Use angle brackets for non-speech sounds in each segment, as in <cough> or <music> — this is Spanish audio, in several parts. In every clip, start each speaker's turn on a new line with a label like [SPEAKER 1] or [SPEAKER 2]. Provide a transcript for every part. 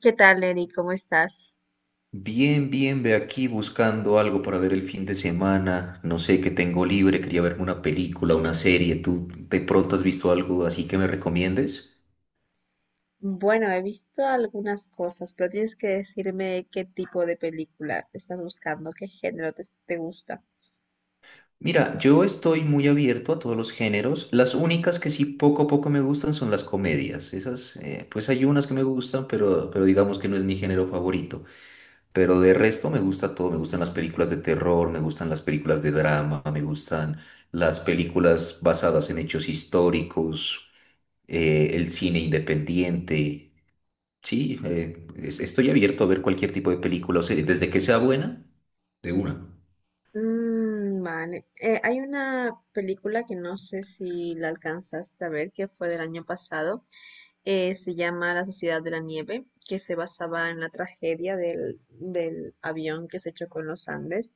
[SPEAKER 1] ¿Qué tal, Eri? ¿Cómo estás?
[SPEAKER 2] Bien, bien, ve aquí buscando algo para ver el fin de semana. No sé qué tengo libre, quería verme una película, una serie. ¿Tú de pronto has visto algo así que me recomiendes?
[SPEAKER 1] Bueno, he visto algunas cosas, pero tienes que decirme qué tipo de película estás buscando, qué género te gusta.
[SPEAKER 2] Mira, yo estoy muy abierto a todos los géneros. Las únicas que sí poco a poco me gustan son las comedias. Esas, pues hay unas que me gustan, pero digamos que no es mi género favorito. Pero de resto me gusta todo. Me gustan las películas de terror, me gustan las películas de drama, me gustan las películas basadas en hechos históricos. El cine independiente. Sí, estoy abierto a ver cualquier tipo de película o serie, desde que sea buena, de una.
[SPEAKER 1] Mm, vale. Hay una película que no sé si la alcanzaste a ver, que fue del año pasado, se llama La Sociedad de la Nieve, que se basaba en la tragedia del avión que se chocó en los Andes.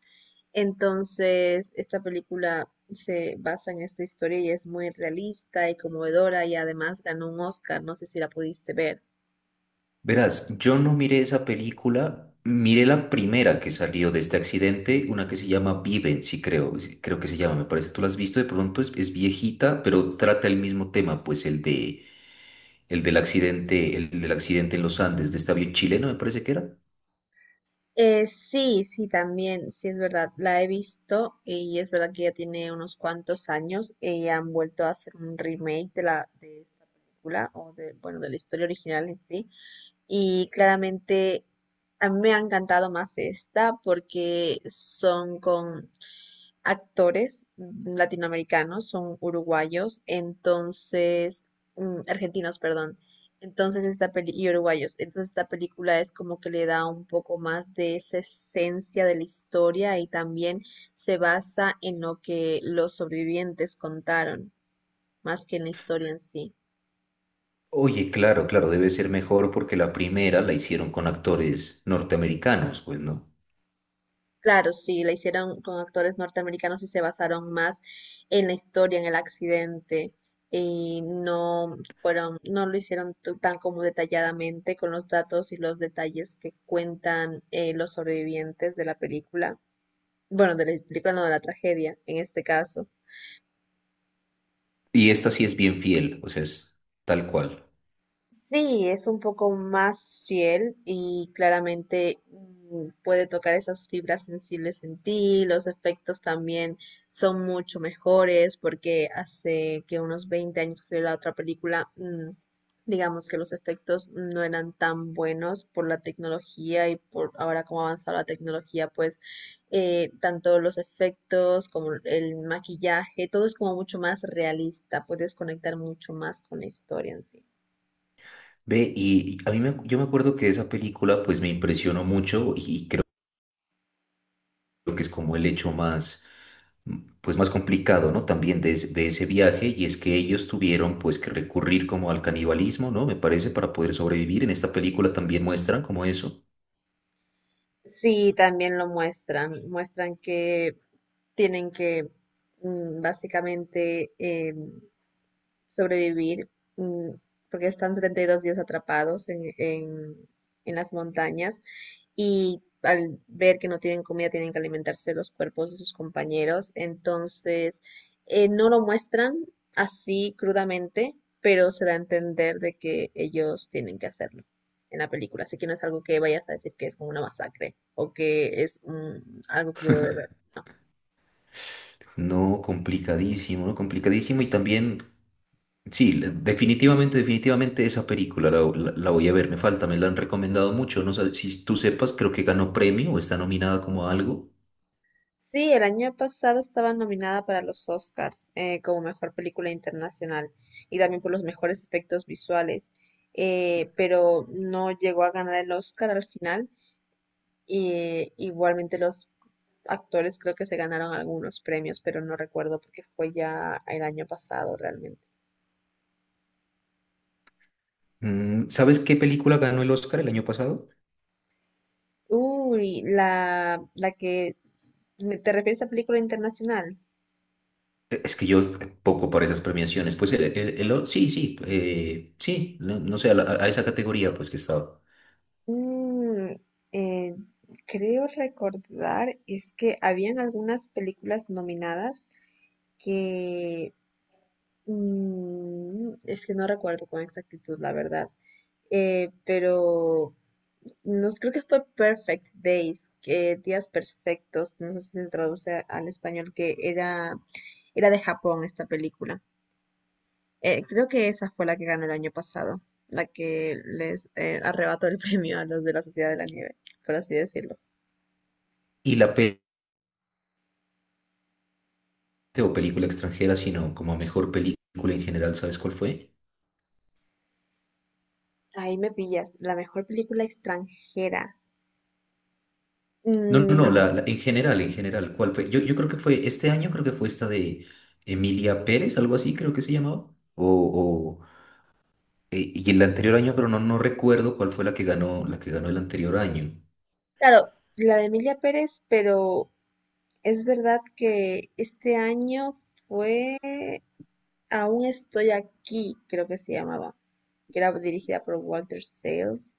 [SPEAKER 1] Entonces, esta película se basa en esta historia y es muy realista y conmovedora, y además ganó un Oscar. No sé si la pudiste ver.
[SPEAKER 2] Verás, yo no miré esa película, miré la primera que salió de este accidente, una que se llama Viven, sí, creo que se llama, me parece. Tú la has visto, de pronto es viejita, pero trata el mismo tema, pues el de el del accidente en los Andes de este avión chileno, me parece que era.
[SPEAKER 1] Sí, también, sí, es verdad, la he visto, y es verdad que ya tiene unos cuantos años y han vuelto a hacer un remake de la de esta película o de, bueno, de la historia original en sí. Y claramente a mí me ha encantado más esta porque son con actores latinoamericanos, son uruguayos, entonces, argentinos, perdón. Entonces esta peli y uruguayos, entonces esta película es como que le da un poco más de esa esencia de la historia, y también se basa en lo que los sobrevivientes contaron, más que en la historia en sí.
[SPEAKER 2] Oye, claro, claro, debe ser mejor porque la primera la hicieron con actores norteamericanos, pues, ¿no?
[SPEAKER 1] Claro, sí, la hicieron con actores norteamericanos y se basaron más en la historia, en el accidente, y no fueron, no lo hicieron tan como detalladamente con los datos y los detalles que cuentan los sobrevivientes de la película, bueno, de la película, no de la tragedia, en este caso.
[SPEAKER 2] Y esta sí es bien fiel, o sea, es tal cual.
[SPEAKER 1] Sí, es un poco más fiel y claramente puede tocar esas fibras sensibles en ti. Los efectos también son mucho mejores porque hace que unos 20 años que salió la otra película. Digamos que los efectos no eran tan buenos por la tecnología, y por ahora como ha avanzado la tecnología, pues tanto los efectos como el maquillaje, todo es como mucho más realista. Puedes conectar mucho más con la historia en sí.
[SPEAKER 2] Ve, y a yo me acuerdo que esa película pues me impresionó mucho y creo que es como el hecho más, pues más complicado, ¿no? También de ese viaje y es que ellos tuvieron pues que recurrir como al canibalismo, ¿no? Me parece, para poder sobrevivir. En esta película también muestran como eso.
[SPEAKER 1] Sí, también lo muestran. Muestran que tienen que básicamente sobrevivir, mm, porque están 72 días atrapados en en las montañas, y al ver que no tienen comida tienen que alimentarse los cuerpos de sus compañeros, entonces no lo muestran así crudamente, pero se da a entender de que ellos tienen que hacerlo en la película, así que no es algo que vayas a decir que es como una masacre o que es algo crudo de ver. No.
[SPEAKER 2] No, complicadísimo, ¿no? Complicadísimo y también sí, definitivamente, definitivamente esa la voy a ver, me falta, me la han recomendado mucho, no sé si tú sepas, creo que ganó premio o está nominada como a algo.
[SPEAKER 1] Sí, el año pasado estaba nominada para los Oscars como mejor película internacional, y también por los mejores efectos visuales, pero no llegó a ganar el Oscar al final. Y, igualmente los actores creo que se ganaron algunos premios, pero no recuerdo porque fue ya el año pasado realmente.
[SPEAKER 2] Mm, ¿sabes qué película ganó el Oscar el año pasado?
[SPEAKER 1] Uy, la que... ¿Te refieres a película internacional?
[SPEAKER 2] Es que yo poco para esas premiaciones, pues sí, sí, sí, no, no sé, a esa categoría pues que estaba.
[SPEAKER 1] Mm, eh, Creo recordar es que habían algunas películas nominadas que es que no recuerdo con exactitud, la verdad. Pero no sé, creo que fue Perfect Days, que días perfectos, no sé si se traduce al español, que era, era de Japón esta película. Creo que esa fue la que ganó el año pasado, la que les arrebató el <laughs> premio a los de la Sociedad de la Nieve, por así decirlo.
[SPEAKER 2] Y la pe- o película extranjera, sino como mejor película en general, ¿sabes cuál fue?
[SPEAKER 1] Ahí me pillas. La mejor película extranjera.
[SPEAKER 2] No, no, no,
[SPEAKER 1] Mm,
[SPEAKER 2] en general, ¿cuál fue? Yo creo que fue este año, creo que fue esta de Emilia Pérez, algo así, creo que se llamaba. Y el anterior año, pero no, no recuerdo cuál fue la que ganó el anterior año.
[SPEAKER 1] claro, la de Emilia Pérez, pero es verdad que este año fue Aún estoy aquí, creo que se llamaba, que era dirigida por Walter Sales.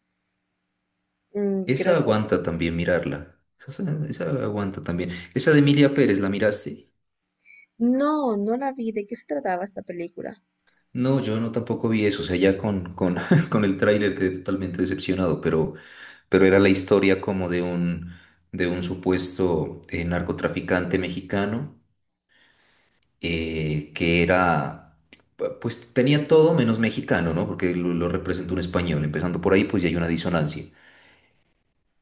[SPEAKER 1] Mm, creo
[SPEAKER 2] Esa
[SPEAKER 1] que...
[SPEAKER 2] aguanta también mirarla. Esa aguanta también. Esa de Emilia Pérez, ¿la miraste?
[SPEAKER 1] No, no la vi. ¿De qué se trataba esta película?
[SPEAKER 2] No, yo no tampoco vi eso, o sea, ya <laughs> con el tráiler quedé totalmente decepcionado, pero era la historia como de un supuesto narcotraficante mexicano que era, pues tenía todo menos mexicano, ¿no? Porque lo representa un español. Empezando por ahí, pues ya hay una disonancia.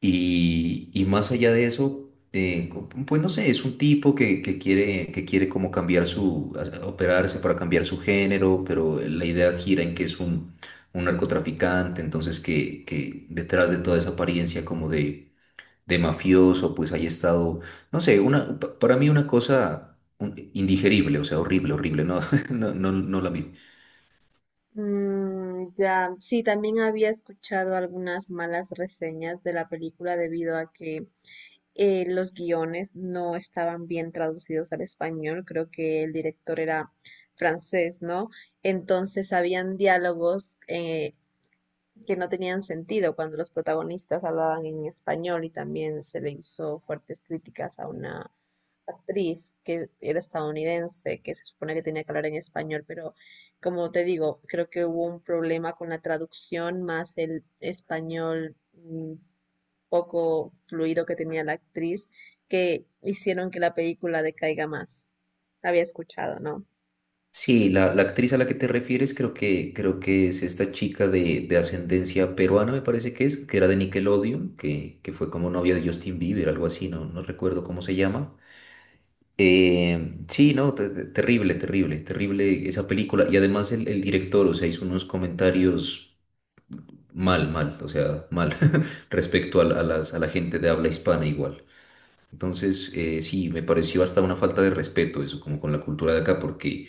[SPEAKER 2] Y más allá de eso, pues no sé, es un tipo que quiere como cambiar su, operarse para cambiar su género, pero la idea gira en que es un narcotraficante, entonces que detrás de toda esa apariencia como de mafioso, pues haya estado, no sé, una, para mí una cosa indigerible, o sea, horrible, horrible, no, <laughs> no, no, no la vi.
[SPEAKER 1] Mm, ya, sí, también había escuchado algunas malas reseñas de la película debido a que los guiones no estaban bien traducidos al español. Creo que el director era francés, ¿no? Entonces habían diálogos que no tenían sentido cuando los protagonistas hablaban en español, y también se le hizo fuertes críticas a una actriz que era estadounidense, que se supone que tenía que hablar en español, pero como te digo, creo que hubo un problema con la traducción más el español poco fluido que tenía la actriz, que hicieron que la película decaiga más. Había escuchado, ¿no?
[SPEAKER 2] Sí, la actriz a la que te refieres creo que es esta chica de ascendencia peruana, me parece que es, que era de Nickelodeon, que fue como novia de Justin Bieber, algo así, no, no recuerdo cómo se llama. Sí, no, terrible, terrible, terrible esa película. Y además el director, o sea, hizo unos comentarios mal, mal, o sea, mal <laughs> respecto a, a las, a la gente de habla hispana igual. Entonces, sí, me pareció hasta una falta de respeto eso, como con la cultura de acá, porque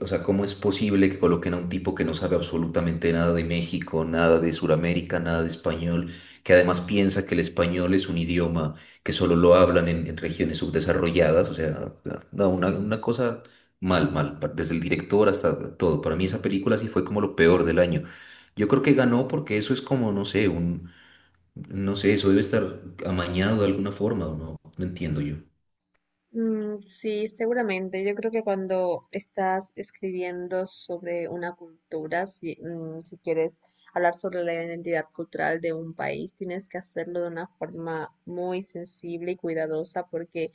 [SPEAKER 2] o sea, ¿cómo es posible que coloquen a un tipo que no sabe absolutamente nada de México, nada de Sudamérica, nada de español, que además piensa que el español es un idioma que solo lo hablan en regiones subdesarrolladas? O sea, no, una cosa mal, mal, desde el director hasta todo. Para mí esa película sí fue como lo peor del año. Yo creo que ganó porque eso es como, no sé, un, no sé, eso debe estar amañado de alguna forma, ¿o no? No entiendo yo.
[SPEAKER 1] Mm, sí, seguramente. Yo creo que cuando estás escribiendo sobre una cultura, si, si quieres hablar sobre la identidad cultural de un país, tienes que hacerlo de una forma muy sensible y cuidadosa porque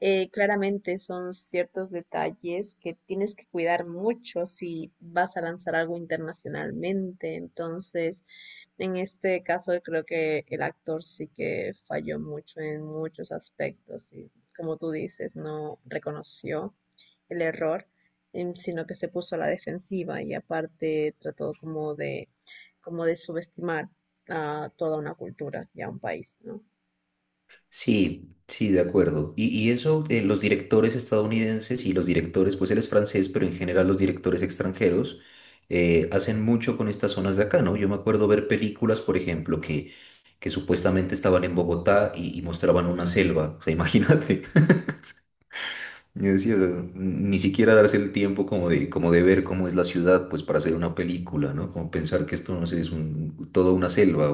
[SPEAKER 1] claramente son ciertos detalles que tienes que cuidar mucho si vas a lanzar algo internacionalmente. Entonces, en este caso creo que el actor sí que falló mucho en muchos aspectos y como tú dices, no reconoció el error, sino que se puso a la defensiva y aparte trató como de subestimar a toda una cultura y a un país, ¿no?
[SPEAKER 2] Sí, sí, de acuerdo. Y eso, los directores estadounidenses y los directores, pues él es francés, pero en general los directores extranjeros hacen mucho con estas zonas de acá, ¿no? Yo me acuerdo ver películas, por ejemplo, que supuestamente estaban en Bogotá y mostraban una selva, o sea, imagínate. <laughs> Yo decía, ni siquiera darse el tiempo como de ver cómo es la ciudad, pues para hacer una película, ¿no? Como pensar que esto, no sé, es un, toda una selva,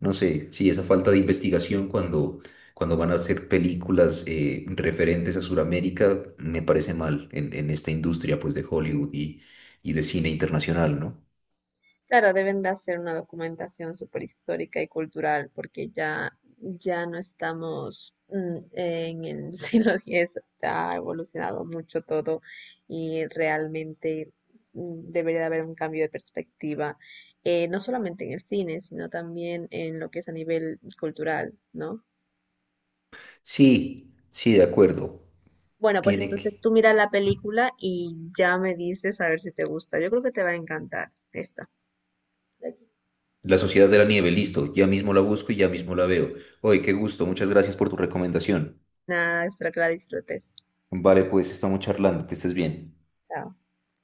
[SPEAKER 2] no sé, sí, esa falta de investigación cuando, cuando van a hacer películas referentes a Sudamérica me parece mal en esta industria pues de Hollywood y de cine internacional, ¿no?
[SPEAKER 1] Claro, deben de hacer una documentación súper histórica y cultural porque ya, ya no estamos en el <laughs> siglo X, ha evolucionado mucho todo, y realmente debería de haber un cambio de perspectiva, no solamente en el cine, sino también en lo que es a nivel cultural, ¿no?
[SPEAKER 2] Sí, sí, de acuerdo.
[SPEAKER 1] Bueno, pues
[SPEAKER 2] Tiene
[SPEAKER 1] entonces
[SPEAKER 2] que...
[SPEAKER 1] tú mira la película y ya me dices a ver si te gusta. Yo creo que te va a encantar esta.
[SPEAKER 2] La Sociedad de la Nieve, listo. Ya mismo la busco y ya mismo la veo. Oye, qué gusto. Muchas gracias por tu recomendación.
[SPEAKER 1] Nada, espero que la disfrutes.
[SPEAKER 2] Vale, pues estamos charlando. Que estés bien.
[SPEAKER 1] Chao.